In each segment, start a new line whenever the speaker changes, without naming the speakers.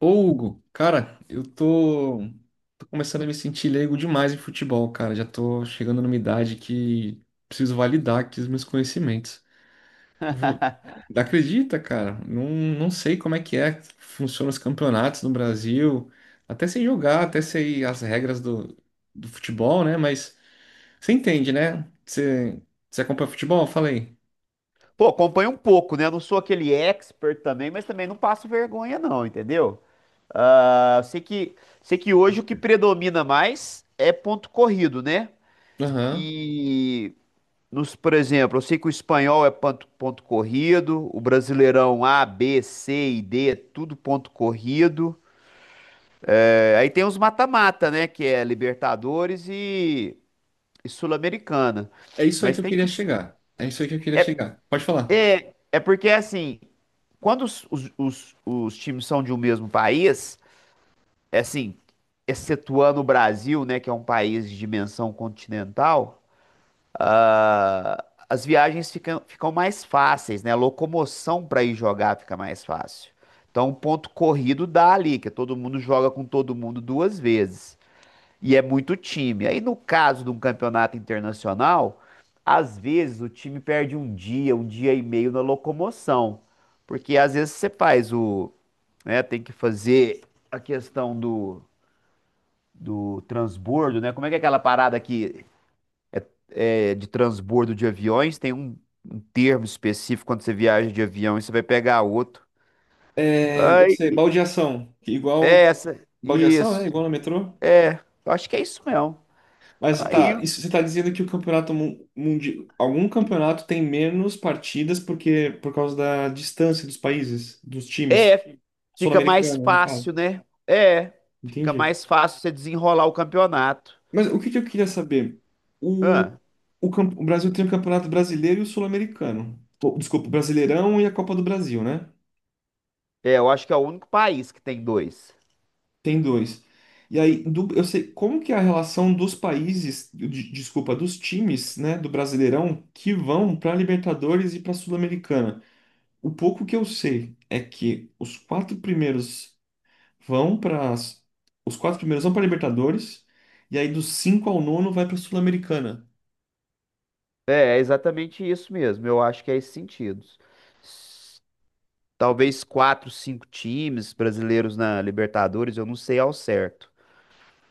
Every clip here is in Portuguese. Ô, Hugo, cara, eu tô começando a me sentir leigo demais em futebol, cara. Já tô chegando numa idade que preciso validar aqui os meus conhecimentos. Vo- Acredita, cara? Não sei como é, que funcionam os campeonatos no Brasil. Até sei jogar, até sei as regras do futebol, né? Mas você entende, né? Você acompanha futebol? Falei.
Pô, acompanho um pouco, né? Eu não sou aquele expert também, mas também não passo vergonha, não, entendeu? Ah, sei que hoje o que predomina mais é ponto corrido, né?
Aham.
E nos, por exemplo, eu sei que o espanhol é ponto corrido, o brasileirão A, B, C e D é tudo ponto corrido. É, aí tem os mata-mata, né? Que é Libertadores e Sul-Americana.
É isso aí que
Mas
eu
tem
queria
que.
chegar. É isso aí que eu queria chegar. Pode falar.
É porque assim, quando os times são de um mesmo país, é assim, excetuando o Brasil, né, que é um país de dimensão continental, as viagens ficam mais fáceis, né? A locomoção para ir jogar fica mais fácil. Então, o ponto corrido dá ali, que todo mundo joga com todo mundo duas vezes. E é muito time. Aí, no caso de um campeonato internacional, às vezes o time perde um dia e meio na locomoção. Porque às vezes você faz o, né, tem que fazer a questão do transbordo, né? Como é que é aquela parada que é, de transbordo de aviões? Tem um termo específico quando você viaja de avião e você vai pegar outro.
É, eu
Aí,
sei, baldeação. Igual.
é essa,
Baldeação, é
isso.
igual no metrô.
É, eu acho que é isso mesmo.
Mas
Aí
tá, isso, você está dizendo que o campeonato mundial, algum campeonato tem menos partidas porque por causa da distância dos países, dos times.
É, fica mais
Sul-americano, no
fácil,
caso.
né? É, fica
Entendi.
mais fácil você desenrolar o campeonato.
Mas o que que eu queria saber? O,
Ah,
o Brasil tem o Campeonato Brasileiro e o Sul-Americano. Pô, desculpa, o Brasileirão e a Copa do Brasil, né?
é, eu acho que é o único país que tem dois.
Tem dois. E aí, eu sei como que é a relação dos países, desculpa, dos times, né, do Brasileirão que vão para Libertadores e para Sul-Americana. O pouco que eu sei é que vão para os quatro primeiros vão para Libertadores e aí dos cinco ao nono vai para Sul-Americana.
É exatamente isso mesmo. Eu acho que é esse sentido. S- Talvez quatro, cinco times brasileiros na Libertadores, eu não sei ao certo.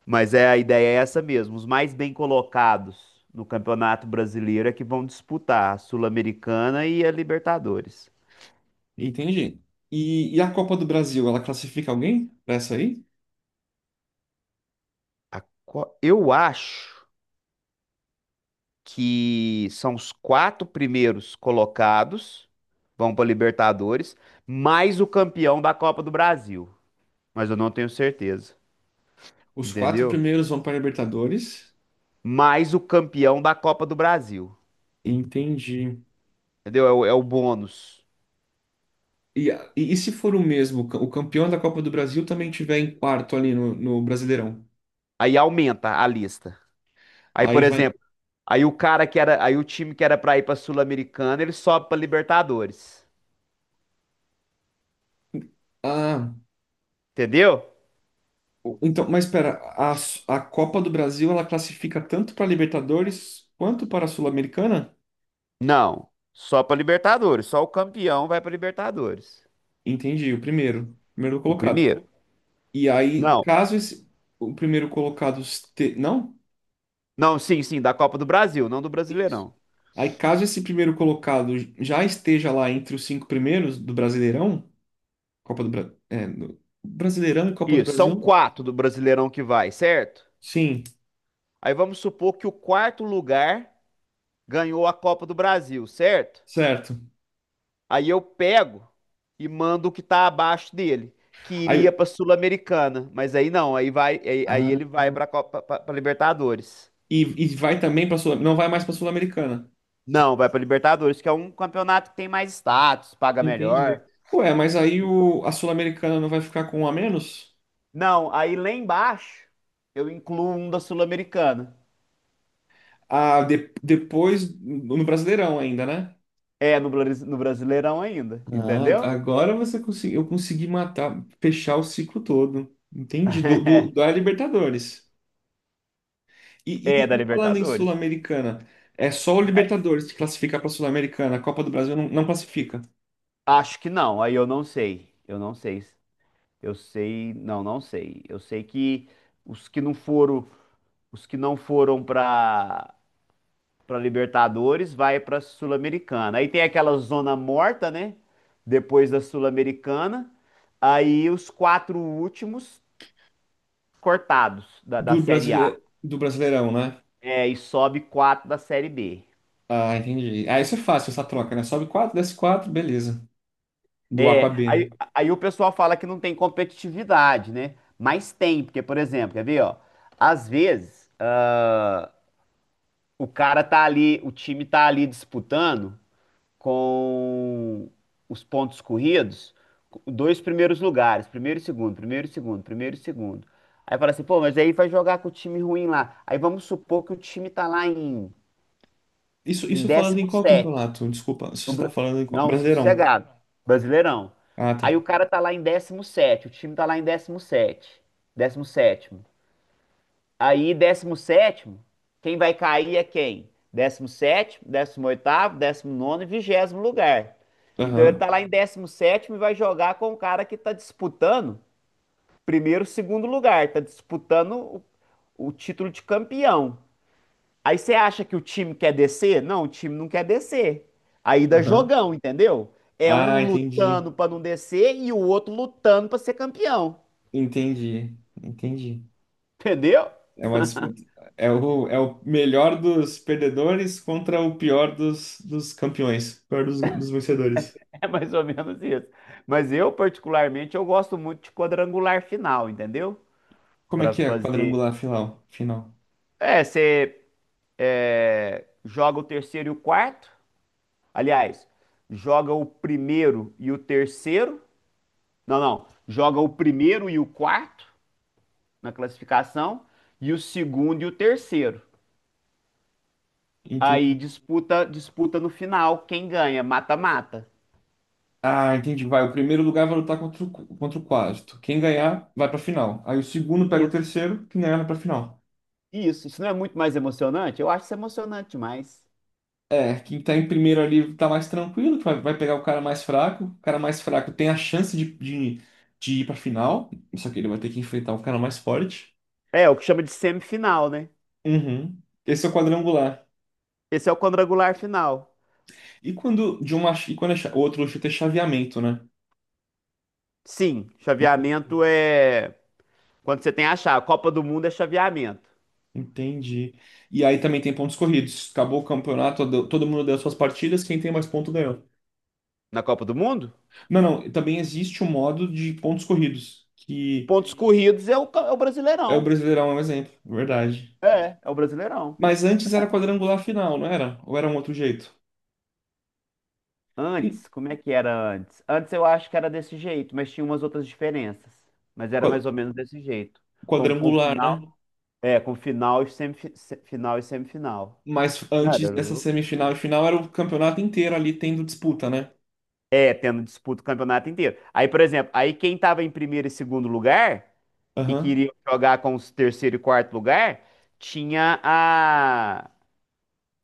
Mas a ideia é essa mesmo. Os mais bem colocados no Campeonato Brasileiro é que vão disputar a Sul-Americana e a Libertadores.
Entendi. E a Copa do Brasil, ela classifica alguém para essa aí?
Eu acho que são os quatro primeiros colocados, vão para Libertadores, mais o campeão da Copa do Brasil. Mas eu não tenho certeza,
Os quatro
entendeu?
primeiros vão para Libertadores.
Mais o campeão da Copa do Brasil,
Entendi.
entendeu? É o bônus.
E, e se for o mesmo, o campeão da Copa do Brasil também tiver em quarto ali no Brasileirão?
Aí aumenta a lista. Aí,
Aí
por
vai.
exemplo, aí o time que era para ir para Sul-Americana, ele sobe para Libertadores,
Ah,
entendeu?
então, mas espera, a, a Copa do Brasil ela classifica tanto para Libertadores quanto para a Sul-Americana?
Não, só para Libertadores, só o campeão vai para Libertadores.
Entendi, o primeiro
O
colocado.
primeiro?
E aí,
Não,
caso esse, o primeiro colocado este, não?
Não, sim, sim, da Copa do Brasil, não do
Isso.
Brasileirão.
Aí, caso esse primeiro colocado já esteja lá entre os cinco primeiros do Brasileirão, é, Brasileirão e Copa do
Isso, são
Brasil?
quatro do Brasileirão que vai, certo?
Sim,
Aí vamos supor que o quarto lugar ganhou a Copa do Brasil, certo?
certo.
Aí eu pego e mando o que tá abaixo dele, que
Aí,
iria
eu-
pra Sul-Americana, mas aí não, aí vai, aí
Ah,
ele vai pra Libertadores.
e vai também para Sul, não vai mais para Sul-Americana.
Não, vai pra Libertadores, que é um campeonato que tem mais status, paga
Entendi.
melhor.
Ué, mas aí o, a Sul-Americana não vai ficar com um a menos?
Não, aí lá embaixo eu incluo um da Sul-Americana.
Ah, depois no Brasileirão ainda, né?
É no Brasileirão ainda,
Ah,
entendeu?
agora você conseguiu, eu consegui matar, fechar o ciclo todo. Entendi, da Libertadores. E,
É da
e falando em
Libertadores.
Sul-Americana, é só o Libertadores que classifica para Sul-Americana. A Copa do Brasil não classifica.
Acho que não, aí eu não sei. Eu não sei. Eu sei, não, não sei. Eu sei que os que não foram, os que não foram para Libertadores vai para Sul-Americana. Aí tem aquela zona morta, né? Depois da Sul-Americana, aí os quatro últimos cortados da
Do
Série A.
Brasile, do Brasileirão, né?
É, e sobe quatro da Série B.
Ah, entendi. Ah, isso é fácil, essa troca, né? Sobe 4, desce 4, beleza. Do A com a
É,
B, né?
aí o pessoal fala que não tem competitividade, né? Mas tem, porque, por exemplo, quer ver, ó? Às vezes, o cara tá ali, o time tá ali disputando com os pontos corridos, dois primeiros lugares, primeiro e segundo, primeiro e segundo, primeiro e segundo. Aí fala assim, pô, mas aí vai jogar com o time ruim lá. Aí vamos supor que o time tá lá em,
Isso,
em
isso falando em qual
17.
campeonato? Desculpa, se
No
você tá
Bra-
falando em qual...
Não,
Brasileirão.
sossegado. Brasileirão.
Ah,
Aí o
tá.
cara tá lá em décimo sétimo, o time tá lá em décimo sétimo. Aí décimo sétimo, quem vai cair é quem? Décimo sétimo, décimo oitavo, décimo nono e vigésimo lugar. Então ele
Aham,
tá lá em décimo sétimo e vai jogar com o cara que tá disputando primeiro, segundo lugar, tá disputando o título de campeão. Aí você acha que o time quer descer? Não, o time não quer descer. Aí dá
aham.
jogão, entendeu? É um
Ah, entendi.
lutando pra não descer e o outro lutando pra ser campeão.
Entendi. Entendi.
Entendeu?
É uma disputa. É o, é o melhor dos perdedores contra o pior dos campeões. Pior dos vencedores.
É mais ou menos isso. Mas eu, particularmente, eu gosto muito de quadrangular final, entendeu?
Como é
Pra
que é
fazer.
quadrangular final? Final.
É, você joga o terceiro e o quarto. Aliás, joga o primeiro e o terceiro. Não, não. Joga o primeiro e o quarto, na classificação e o segundo e o terceiro. Aí disputa no final quem ganha, mata-mata.
Ah, entendi. Vai, o primeiro lugar vai lutar contra o, contra o quarto. Quem ganhar, vai pra final. Aí o segundo pega o
Isso,
terceiro, quem ganhar vai pra final.
isso. Isso não é muito mais emocionante? Eu acho isso emocionante demais.
É, quem tá em primeiro ali tá mais tranquilo, que vai, vai pegar o cara mais fraco. O cara mais fraco tem a chance de ir pra final, só que ele vai ter que enfrentar o cara mais forte.
É, o que chama de semifinal, né?
Uhum. Esse é o quadrangular.
Esse é o quadrangular final.
E quando de uma, e quando é, outro chute é chaveamento, né?
Sim,
Enten-
chaveamento é quando você tem a chave. A Copa do Mundo é chaveamento.
Entendi. E aí também tem pontos corridos. Acabou o campeonato, todo mundo deu suas partidas, quem tem mais ponto ganhou.
Na Copa do Mundo,
Não, não, também existe o modo de pontos corridos, que
pontos corridos é o
é o
Brasileirão.
Brasileirão é um exemplo, é verdade.
É o Brasileirão.
Mas antes era quadrangular final, não era? Ou era um outro jeito? Sim.
Antes, como é que era antes? Antes eu acho que era desse jeito, mas tinha umas outras diferenças. Mas era
Qua-
mais ou menos desse jeito. Com
Quadrangular, né?
final, com final e final e semifinal.
Mas
Cara,
antes
era
dessa
louco
semifinal
demais.
e final era o campeonato inteiro ali tendo disputa, né?
É, tendo disputa o campeonato inteiro. Aí, por exemplo, aí quem tava em primeiro e segundo lugar e
Aham.
queria jogar com os terceiro e quarto lugar, tinha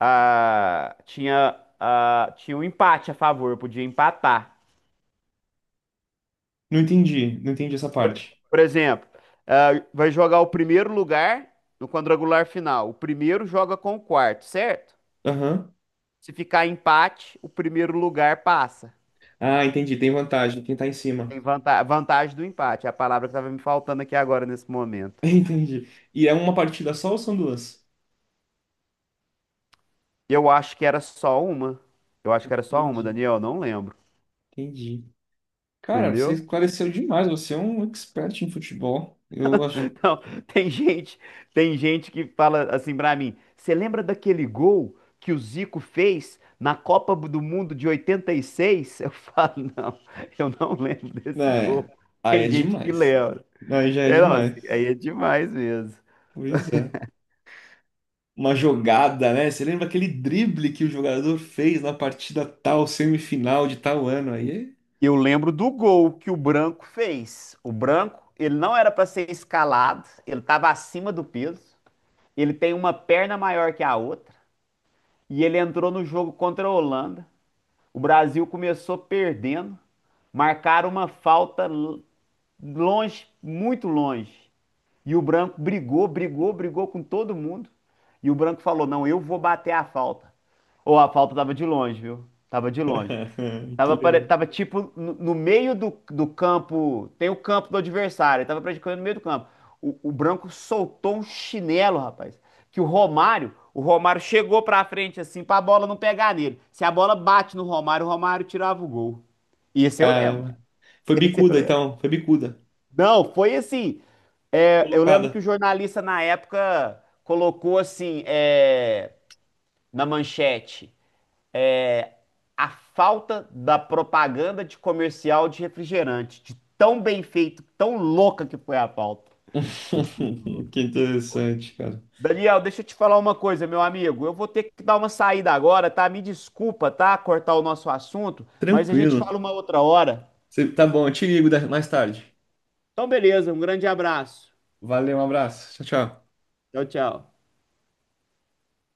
a, tinha um empate a favor, podia empatar.
Não entendi essa
Por,
parte.
por exemplo, vai jogar o primeiro lugar no quadrangular final. O primeiro joga com o quarto, certo?
Aham.
Se ficar empate, o primeiro lugar passa.
Ah, entendi, tem vantagem, quem tá em cima.
Tem vantagem do empate. É a palavra que estava me faltando aqui agora nesse momento.
Entendi. E é uma partida só ou são duas?
Eu acho que era só uma. Eu acho que era só uma,
Entendi,
Daniel. Não lembro.
entendi. Cara, você
Entendeu?
esclareceu demais. Você é um expert em futebol.
Não, tem gente, tem gente que fala assim pra mim, você lembra daquele gol que o Zico fez na Copa do Mundo de 86? Eu falo, não, eu não lembro desse
É,
gol.
aí
Tem
é
gente que
demais.
lembra.
Aí já é
É, não, assim,
demais.
aí é demais mesmo.
Pois é. Uma jogada, né? Você lembra aquele drible que o jogador fez na partida tal, semifinal de tal ano aí?
Eu lembro do gol que o Branco fez. O Branco, ele não era pra ser escalado, ele tava acima do peso, ele tem uma perna maior que a outra, e ele entrou no jogo contra a Holanda. O Brasil começou perdendo, marcaram uma falta longe, muito longe. E o branco brigou, brigou, brigou com todo mundo. E o branco falou: Não, eu vou bater a falta. Ou a falta tava de longe, viu? Tava de longe.
Que legal.
Tava tipo no meio do campo. Tem o campo do adversário, ele tava praticando no meio do campo. O Branco soltou um chinelo, rapaz. Que o Romário chegou pra frente assim pra bola não pegar nele. Se a bola bate no Romário, o Romário tirava o gol. E esse eu lembro.
Caramba. Foi
Esse eu
bicuda,
lembro.
então. Foi bicuda.
Não, foi assim. Eu lembro que
Colocada.
o jornalista na época colocou assim, na manchete, a falta da propaganda de comercial de refrigerante, de tão bem feito, tão louca que foi a pauta.
Que interessante, cara.
Daniel, deixa eu te falar uma coisa, meu amigo. Eu vou ter que dar uma saída agora, tá? Me desculpa, tá? Cortar o nosso assunto, mas a gente
Tranquilo.
fala uma outra hora.
Tá bom, eu te ligo mais tarde.
Então, beleza, um grande abraço.
Valeu, um abraço. Tchau, tchau.
Tchau, tchau.